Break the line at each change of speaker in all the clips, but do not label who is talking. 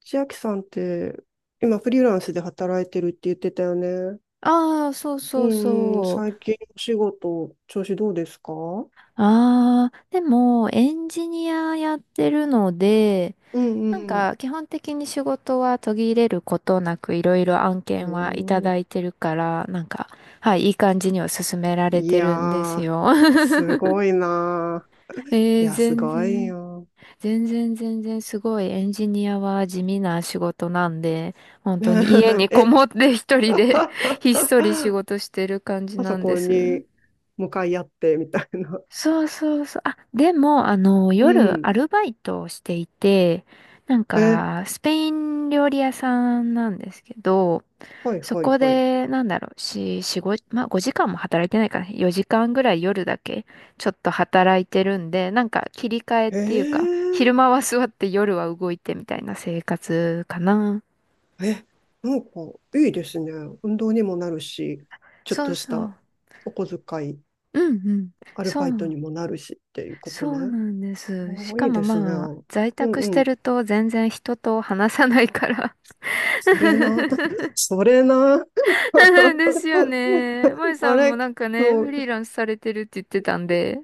千秋さんって、今フリーランスで働いてるって言ってたよね。
ああ、そう
う
そう
んうん、
そ
最
う。
近お仕事、調子どうですか？う
ああ、でも、エンジニアやってるので、
んう
なん
ん。
か、基本的に仕事は途切れることなく、いろいろ案
う
件はいた
ん。
だいてるから、なんか、はい、いい感じには進められ
い
て
や
るんです
ー、
よ。
す ごいなー。いや、す
全
ごい
然、
よ。
全然全然すごい、エンジニアは地味な仕事なんで、本当に家 にこ
え、
もって一人 で ひっそり仕事してる感じ
パソ
なんで
コン
す。
に向かい合ってみたいな。
そうそうそう。あ、でも、
う
夜ア
ん。
ルバイトをしていて、なん
え、
か、スペイン料理屋さんなんですけど、
はい
そ
はい
こ
はい。
で、なんだろう、し、しごまあ、5時間も働いてないかな。4時間ぐらい夜だけ、ちょっと働いてるんで、なんか、切り替えっ
え
ていうか、昼
ー
間は座って夜は動いてみたいな生活かな。
え、なんかいいですね。運動にもなるし、ちょっ
そう
とし
そ
た
う。
お小遣い、
うんうん。
アル
そ
バイト
う。
にもなるしっていうこと
そ
ね。
うなんです。し
おー、い
か
い
も
ですね。う
まあ、
ん
在宅し
う
て
ん。
ると全然人と話さないから。
そ れな。それな。
ですよね。まい
あ
さんも
れ、
なんかね、
そ
フ
う、
リーランスされてるって言ってたんで。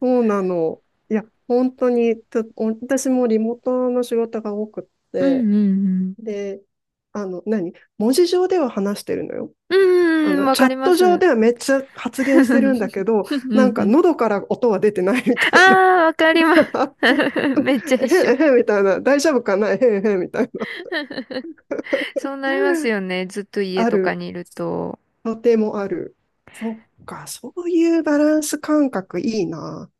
そうなの。いや、本当に、ちょお私もリモートの仕事が多くっ
う
て、
んうん
で、何文字上では話してるのよ。
うん。うん、わ
チ
か
ャ
り
ッ
ま
ト
す。
上
う
ではめっちゃ発言してるんだけど、
ん
なん
う
か
ん。
喉から音は出てないみ
あ
たいな、
あ、わかります。めっちゃ
え
一緒。
へへみたいな、大丈夫かな、えへへみたいな、
そうなります よね。ずっと家
あ
とか
る、
にいると。
とてもある。そっか、そういうバランス感覚いいな。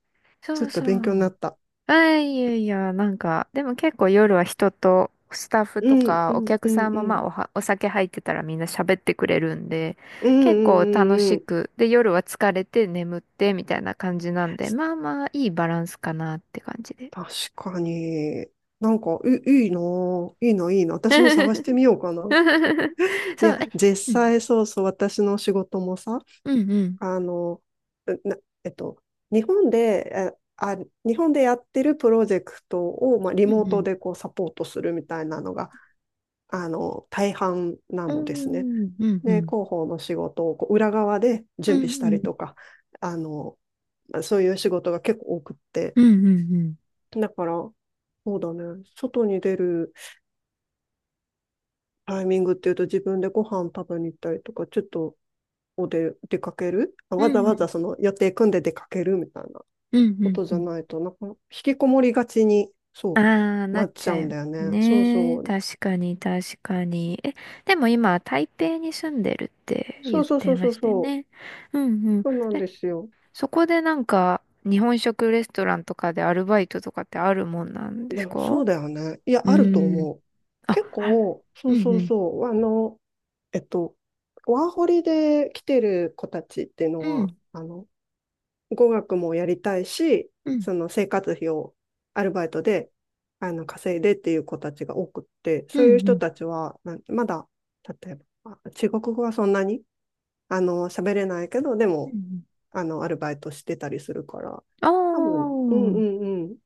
ち
そ
ょっ
う
と
そ
勉強にな
う。
った。
あ、いやいや、なんかでも結構夜は人とスタッフ
う
と
ん、
か
う
お
ん、
客
う
さ
ん、
ん
う
も、まあ、
ん。
お酒入ってたらみんな喋ってくれるんで、
うん、う
結
ん、
構
う
楽
ん、う
し
ん。
くで夜は疲れて眠ってみたいな感じなんで、まあまあいいバランスかなって感じで。
確かに。なんか、いいなぁ、いいな、いいな。私も探してみようかな。い
そ
や、
う。え、
実
うん
際そうそう、私の仕事もさ、
うん
あの、うな、えっと、日本で、えあ日本でやってるプロジェクトを、まあ、リ
う
モ
ん
ー
う
ト
ん
でこうサポートするみたいなのが、大半なのですね。
う
で、
ん
広報の仕事をこう裏側で
う
準備したりと
ん
か、あの、そういう仕事が結構多くって。
うんうんうん
だから、そうだね、外に出るタイミングっていうと、自分でご飯食べに行ったりとか、ちょっと出かける、
う
わざわざ
ん
その予定組んで出かけるみたいな
う
こ
ん
と
う
じゃ
ん、
ないと、なんか、引きこもりがちに、
あ
そ
あ、
う、
な
な
っ
っち
ち
ゃ
ゃ
うん
い
だよね。そう
ね。
そう。
確かに、確かに。え、でも今、台北に住んでるって
そ
言っ
うそうそ
て
う
ま
そう
したよ
そう。
ね。うんうん。
そうなん
え、
ですよ。
そこでなんか、日本食レストランとかでアルバイトとかってあるもんなん
い
です
や、
か？
そうだよね。いや、
う
あると
ーん。
思う。
あ、
結
ある。
構、そ
う
う
ん
そ
う
う
ん。
そう。えっと、ワーホリで来てる子たちっていうの
う
は、
ん。
あの、語学もやりたいし、
うん。
その生活費をアルバイトで、稼いでっていう子たちが多くって、
う
そういう
んう
人
ん。
たちは、なまだ、例えば、中国語はそんなに喋れないけど、で
うんう
も、
ん、
アルバイトしてたりするから、
あ
多分、
あ、
うんうんうん。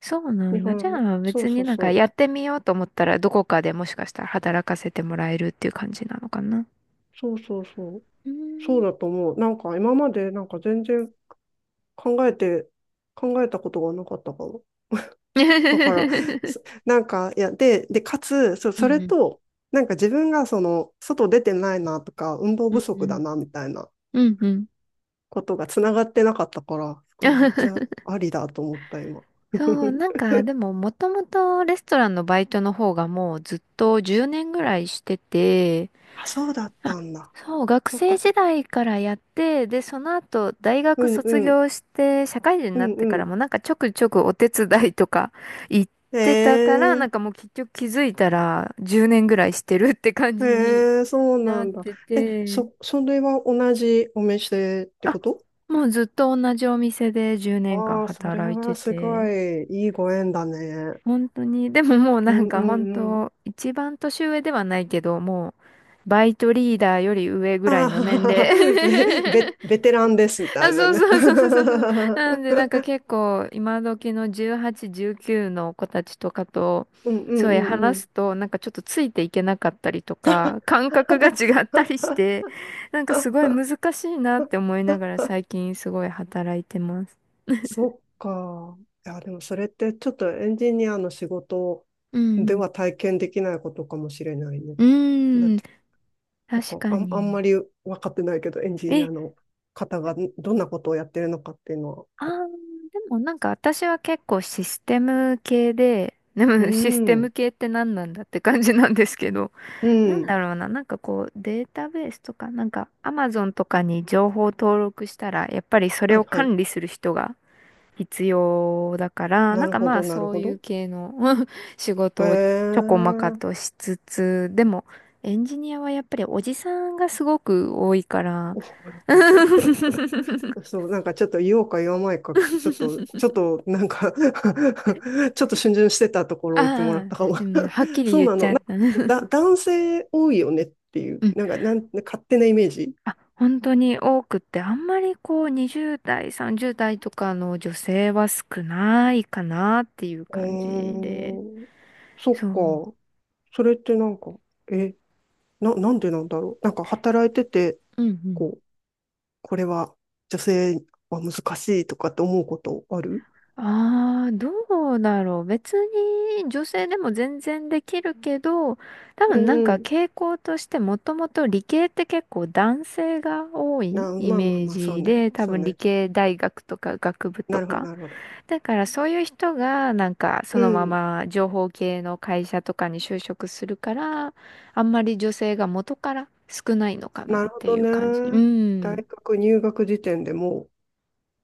そうなんだ。じゃあ
そ
別
う
に
そう
なんか
そ
やってみようと思ったらどこかでもしかしたら働かせてもらえるっていう感じなのかな。
う。そうそうそう。
うー
そう
ん。
だと思う。なんか今までなんか全然考えて、考えたことがなかったかも。だから、そなんか、いや、で、かつ、
う
そ
ん
れ
うん
と、なんか自分がその、外出てないなとか、運動
う
不足だ
ん
なみたいな
うんうんうん。
ことがつながってなかったから、すごいめっち ゃありだと思った、今。
そう、なん かでももともとレストランのバイトの方がもうずっと10年ぐらいしてて、
あ、そうだっ
あ、
たんだ。
そう、学
そっか
生
そ
時
っか。
代からやって、で、その後大
う
学
んう
卒
ん。
業して社会人に
う
なっ
ん
て
う
から
ん。
もなんかちょくちょくお手伝いとか行っ
え
てたから、な
え、
んかもう結局気づいたら10年ぐらいしてるって感じに
ええ、そう
な
な
っ
んだ。
て
え、
て、
それは同じお店って
あ、
こと？
もうずっと同じお店で10年間
ああー、それ
働い
は
て
すご
て、
いいいご縁だね。
本当に。でももう
う
なん
んうん
か本
うん。
当、一番年上ではないけど、もう、バイトリーダーより上ぐらい
あ
の年齢。
あ、ね、ベテランですみ たい
あ、
な
そう
ね。
そうそうそうそ う。なんでなんか結構、今時の18、19の子たちとかと、
うんう
そ
ん
う
う
や
んう
話
ん。
すと、なんかちょっとついていけなかったりとか、感覚が違ったりして、なんかすごい難しいなって思いながら最近すごい働いてます。
そっか。いや、でもそれってちょっとエンジニアの仕事
う
で
ん。
は体験できないことかもしれないね。
う
だっ
ーん。
てと
確
か
か
あんま
に。
り分かってないけど、エンジニア
え、
の方がどんなことをやってるのかっていうのは。
あー、でもなんか私は結構システム系で、で
う
もシステム
ん、
系って何なんだって感じなんですけど、
う
なん
ん。
だろうな、なんかこうデータベースとか、なんか Amazon とかに情報登録したら、やっぱりそれ
は
を
いはい。
管理する人が必要だから、
な
なん
る
か
ほ
ま
ど、
あ
なる
そう
ほ
い
ど。
う系の 仕
へ
事をちょこまか
え。
としつつ、でもエンジニアはやっぱりおじさんがすごく多いから、
そう、なんかちょっと言おうか言わないか、ちょっとなんか ちょっと逡巡してたところを言ってもらっ
ああ、
たかも。
でもね、はっ きり
そう
言っ
な
ち
の。
ゃ
な
っ
んか
た。う
だ、
ん。
男性多いよねっていう、なんか、勝手なイメージ。
あ、本当に多くって、あんまりこう20代、30代とかの女性は少ないかなっていう
う
感じで。
ーん。そっ
そう。
か。それってなんか、え、なんでなんだろう。なんか働いてて、
うんうん。
こう、これは女性は難しいとかって思うことある？
ああ、どうだろう。別に女性でも全然できるけど、多
う
分なん
ん
か
うん。
傾向としてもともと理系って結構男性が多
あ、
いイ
まあまあ
メー
まあ、そう
ジ
ね。
で、多
そう
分理
ね。
系大学とか学部と
なるほど、
か。
なるほど。
だからそういう人がなんかそ
う
のま
ん。
ま情報系の会社とかに就職するから、あんまり女性が元から少ないのかな
なる
っ
ほ
て
ど
いう
ね。
感じ。う
大
ん。
学入学時点でもう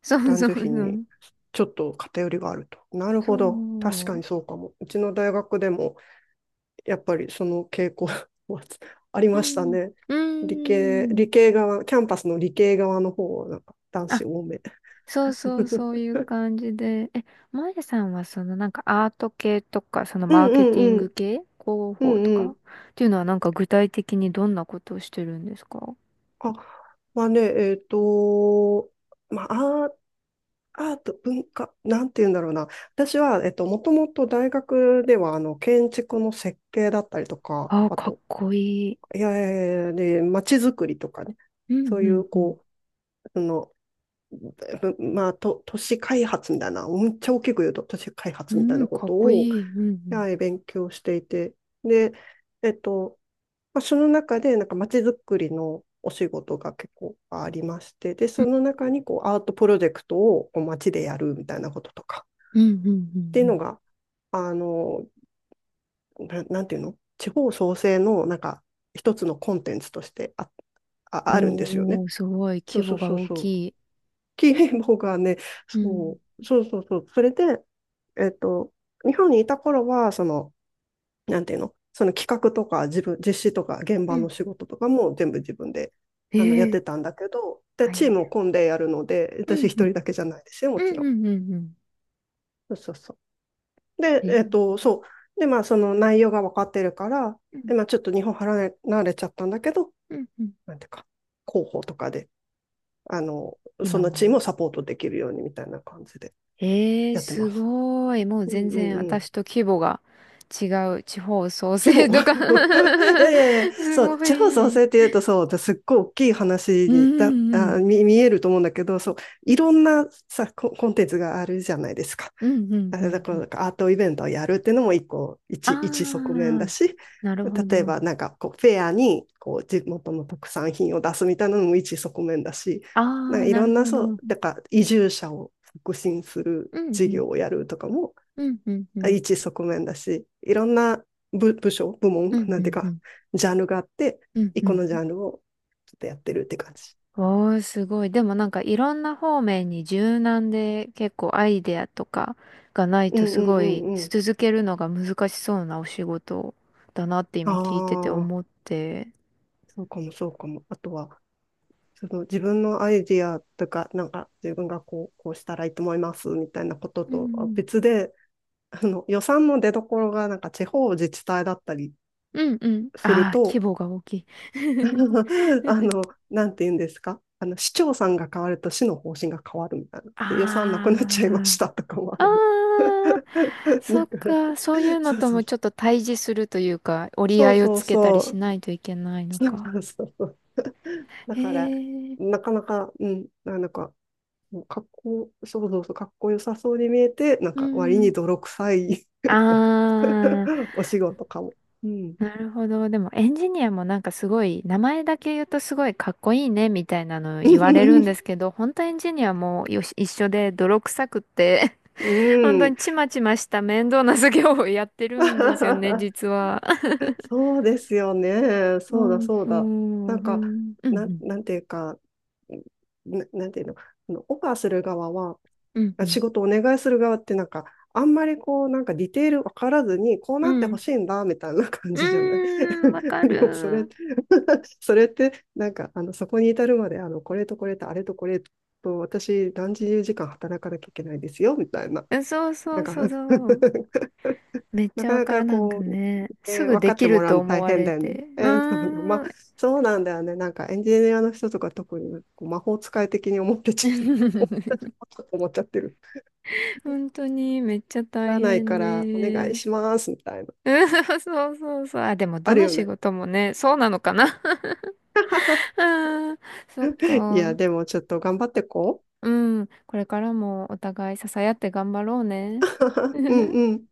そう
男
そう
女
そ
比に
う。
ちょっと偏りがあると。なる
そ
ほど。確かに
う。
そうかも。うちの大学でも、やっぱりその傾向は あり
う
ました
ん。
ね。
うん。
理系側、キャンパスの理系側の方はなんか男
あ、
子多め。
そうそ う、そういう感じで。え、まやさんはそのなんかアート系とか、その
う
マ
ん
ー
う
ケティン
んう
グ
ん。
系、広
う
報
ん
と
う
か
ん。
っていうのはなんか具体的にどんなことをしてるんですか？
あ、まあね、まあ、アート、文化、なんて言うんだろうな。私は、もともと大学では、建築の設計だったりとか、
ああ、
あ
かっ
と、
こいい。
いやいやいやで、街づくりとかね、
うん
そう
う
い
ん
う、
うん。
こう、その、ぶまあ、と、都市開発みたいな、めっちゃ大きく言うと、都市開
う
発みたいな
ん、
こ
かっ
と
こ
を、
いい。うん
はい、勉強していて、で、えっと、まあ、その中で、なんか街づくりのお仕事が結構ありまして、で、
う
そ
ん。
の中にこうアートプロジェクトをこう街でやるみたいなこととか
うんうんうん
っていう
う
の
ん
が、あの、なんていうの地方創生のなんか一つのコンテンツとして
う
あるんですよ
ん。
ね。
おー、すごい、
そ
規
うそ
模
う
が
そう
大
そ
き
う。
い。
キーボがね、
う
そ
ん。
う、そうそうそう。それで、えっと、日本にいた頃は、その、なんていうの、その企画とか自分、実施とか現
う
場の
ん。
仕事とかも全部自分でやっ
ええ、
てたんだけど、で、
大
チー
変。
ムを組んでやるので、
う
私一
んう
人
ん。
だけじゃないですよ、も
う
ち
ん
ろん。
うんうんうん。
そうそうそう。で、
え、
そう。で、まあ、その内容が分かってるから、
うん
で、まあ、ちょっと日本離れ、慣れちゃったんだけど、
うんうん、
なんていうか、広報とかで、あの、そ
今
のチーム
も。
をサポートできるようにみたいな感じで
ええー、
やって
す
ます。
ごい。もう
うん
全
うん
然
うん。
私と規模が違う、地方創
規
生
模
とか。
いやいやいや、
す
そう、
ご
地方創
い。
生って言うと、そう、すっごい大きい話
う
に
ん
だ
うんうん。
あ見、見えると思うんだけど、そう、いろんなさ、コンテンツがあるじゃないですか。
うんうん
あ
う
だ
ん
か
う
ら、
ん。
なんかアートイベントをやるっていうのも一個、一側面
あ
だ
あ、
し、
なるほ
例え
ど。
ばなんかこう、フェアに、こう、地元の特産品を出すみたいなのも一側面だし、
あ
なんか
あ、
い
な
ろ
る
んな、
ほど。
そ
う
う、
ん
だから移住者を促進する
う
事
ん。
業をやるとかも
うんうんうん。
一側面だし、いろんな部署、部門、
うん
な
う
んていう
んう
か、
ん。
ジャンルがあって、
うん
一
う
個
ん
の
う
ジ
ん。
ャンルをちょっとやってるって感じ。
おー、すごい。でもなんかいろんな方面に柔軟で結構アイデアとかがない
う
と
ん
す
うん
ご
う
い
んうん。
続けるのが難しそうなお仕事だなって
あ
今聞いてて
あ、
思って。
そうかもそうかも。あとは、その自分のアイディアとか、なんか自分がこう、こうしたらいいと思いますみたいなこと
う
とは
ん。
別で、あの予算の出どころがなんか地方自治体だったり
うんうん。
する
ああ、規
と、
模が大きい。
なんて言うんですか？市長さんが変わると市の方針が変わるみたいな。で、予算なく
あ
なっちゃいましたとかもあ
あ、
れも。だ
ああ、そっ
から、
か。そういうの
そう
と
そう。
もちょっと対峙するというか、折り
そ
合
う
いを
そう
つけたり
そ
し
う。
ないといけないの
そう
か。
そうそうそう。
へ
だから、
え。
なかなか、うん、なんか、もうかっこ、そうそうそうそうそうだからなかなかうんなんかもうっこそうそうそうかっこよさそうに見えて、なん
う
か割に
ん。
泥臭い
ああ。
お仕事かも。うん。
なるほど。でもエンジニアもなんかすごい、名前だけ言うとすごいかっこいいねみたいなの言われるんです けど、本当エンジニアもよし一緒で泥臭くって、
う
本当
ん。
にちまちました面倒な作業をやってるんですよね、実は。
そうですよね。そうだ、
そう
そう
そ
だ。な
う、
んか、
うん、
なんていうか、なんていうの、あのオファーする側は、
うん、うん、
仕事お願いする側ってなんか、あんまりこう、なんかディテール分からずに、こう
う
なって
ん、う
ほ
ん、
しいんだ、みたいな感
う
じじゃない？
ーん、わか
でもそれ、
る。
それって、なんか、そこに至るまで、これとこれとあれとこれと、私何十時間働かなきゃいけないですよ、みたいな。
う、そうそ
なん
う
か
そうそう。めっ
な
ちゃ
か
わ
な
かる。
か
なんか
こう、
ね、すぐ
分
で
かっ
き
ても
る
らう
と
の
思
大
わ
変
れ
だよね。
て。う
そうね、ま
ー
あ、
ん。
そうなんだよね。なんかエンジニアの人とか特にこう魔法使い的に思ってちゃう。思 思っちゃってる。
本当にめっちゃ
なら
大
ない
変
からお願い
で。
しますみたいな。
うん、そうそうそう。あ、でもど
ある
の
よ
仕
ね。
事もね、そうなのかな。うん、そっ
い
か。
や、でもちょっと頑張ってこ
うん、これからもお互い支え合って頑張ろう
う。
ね。
うん うん。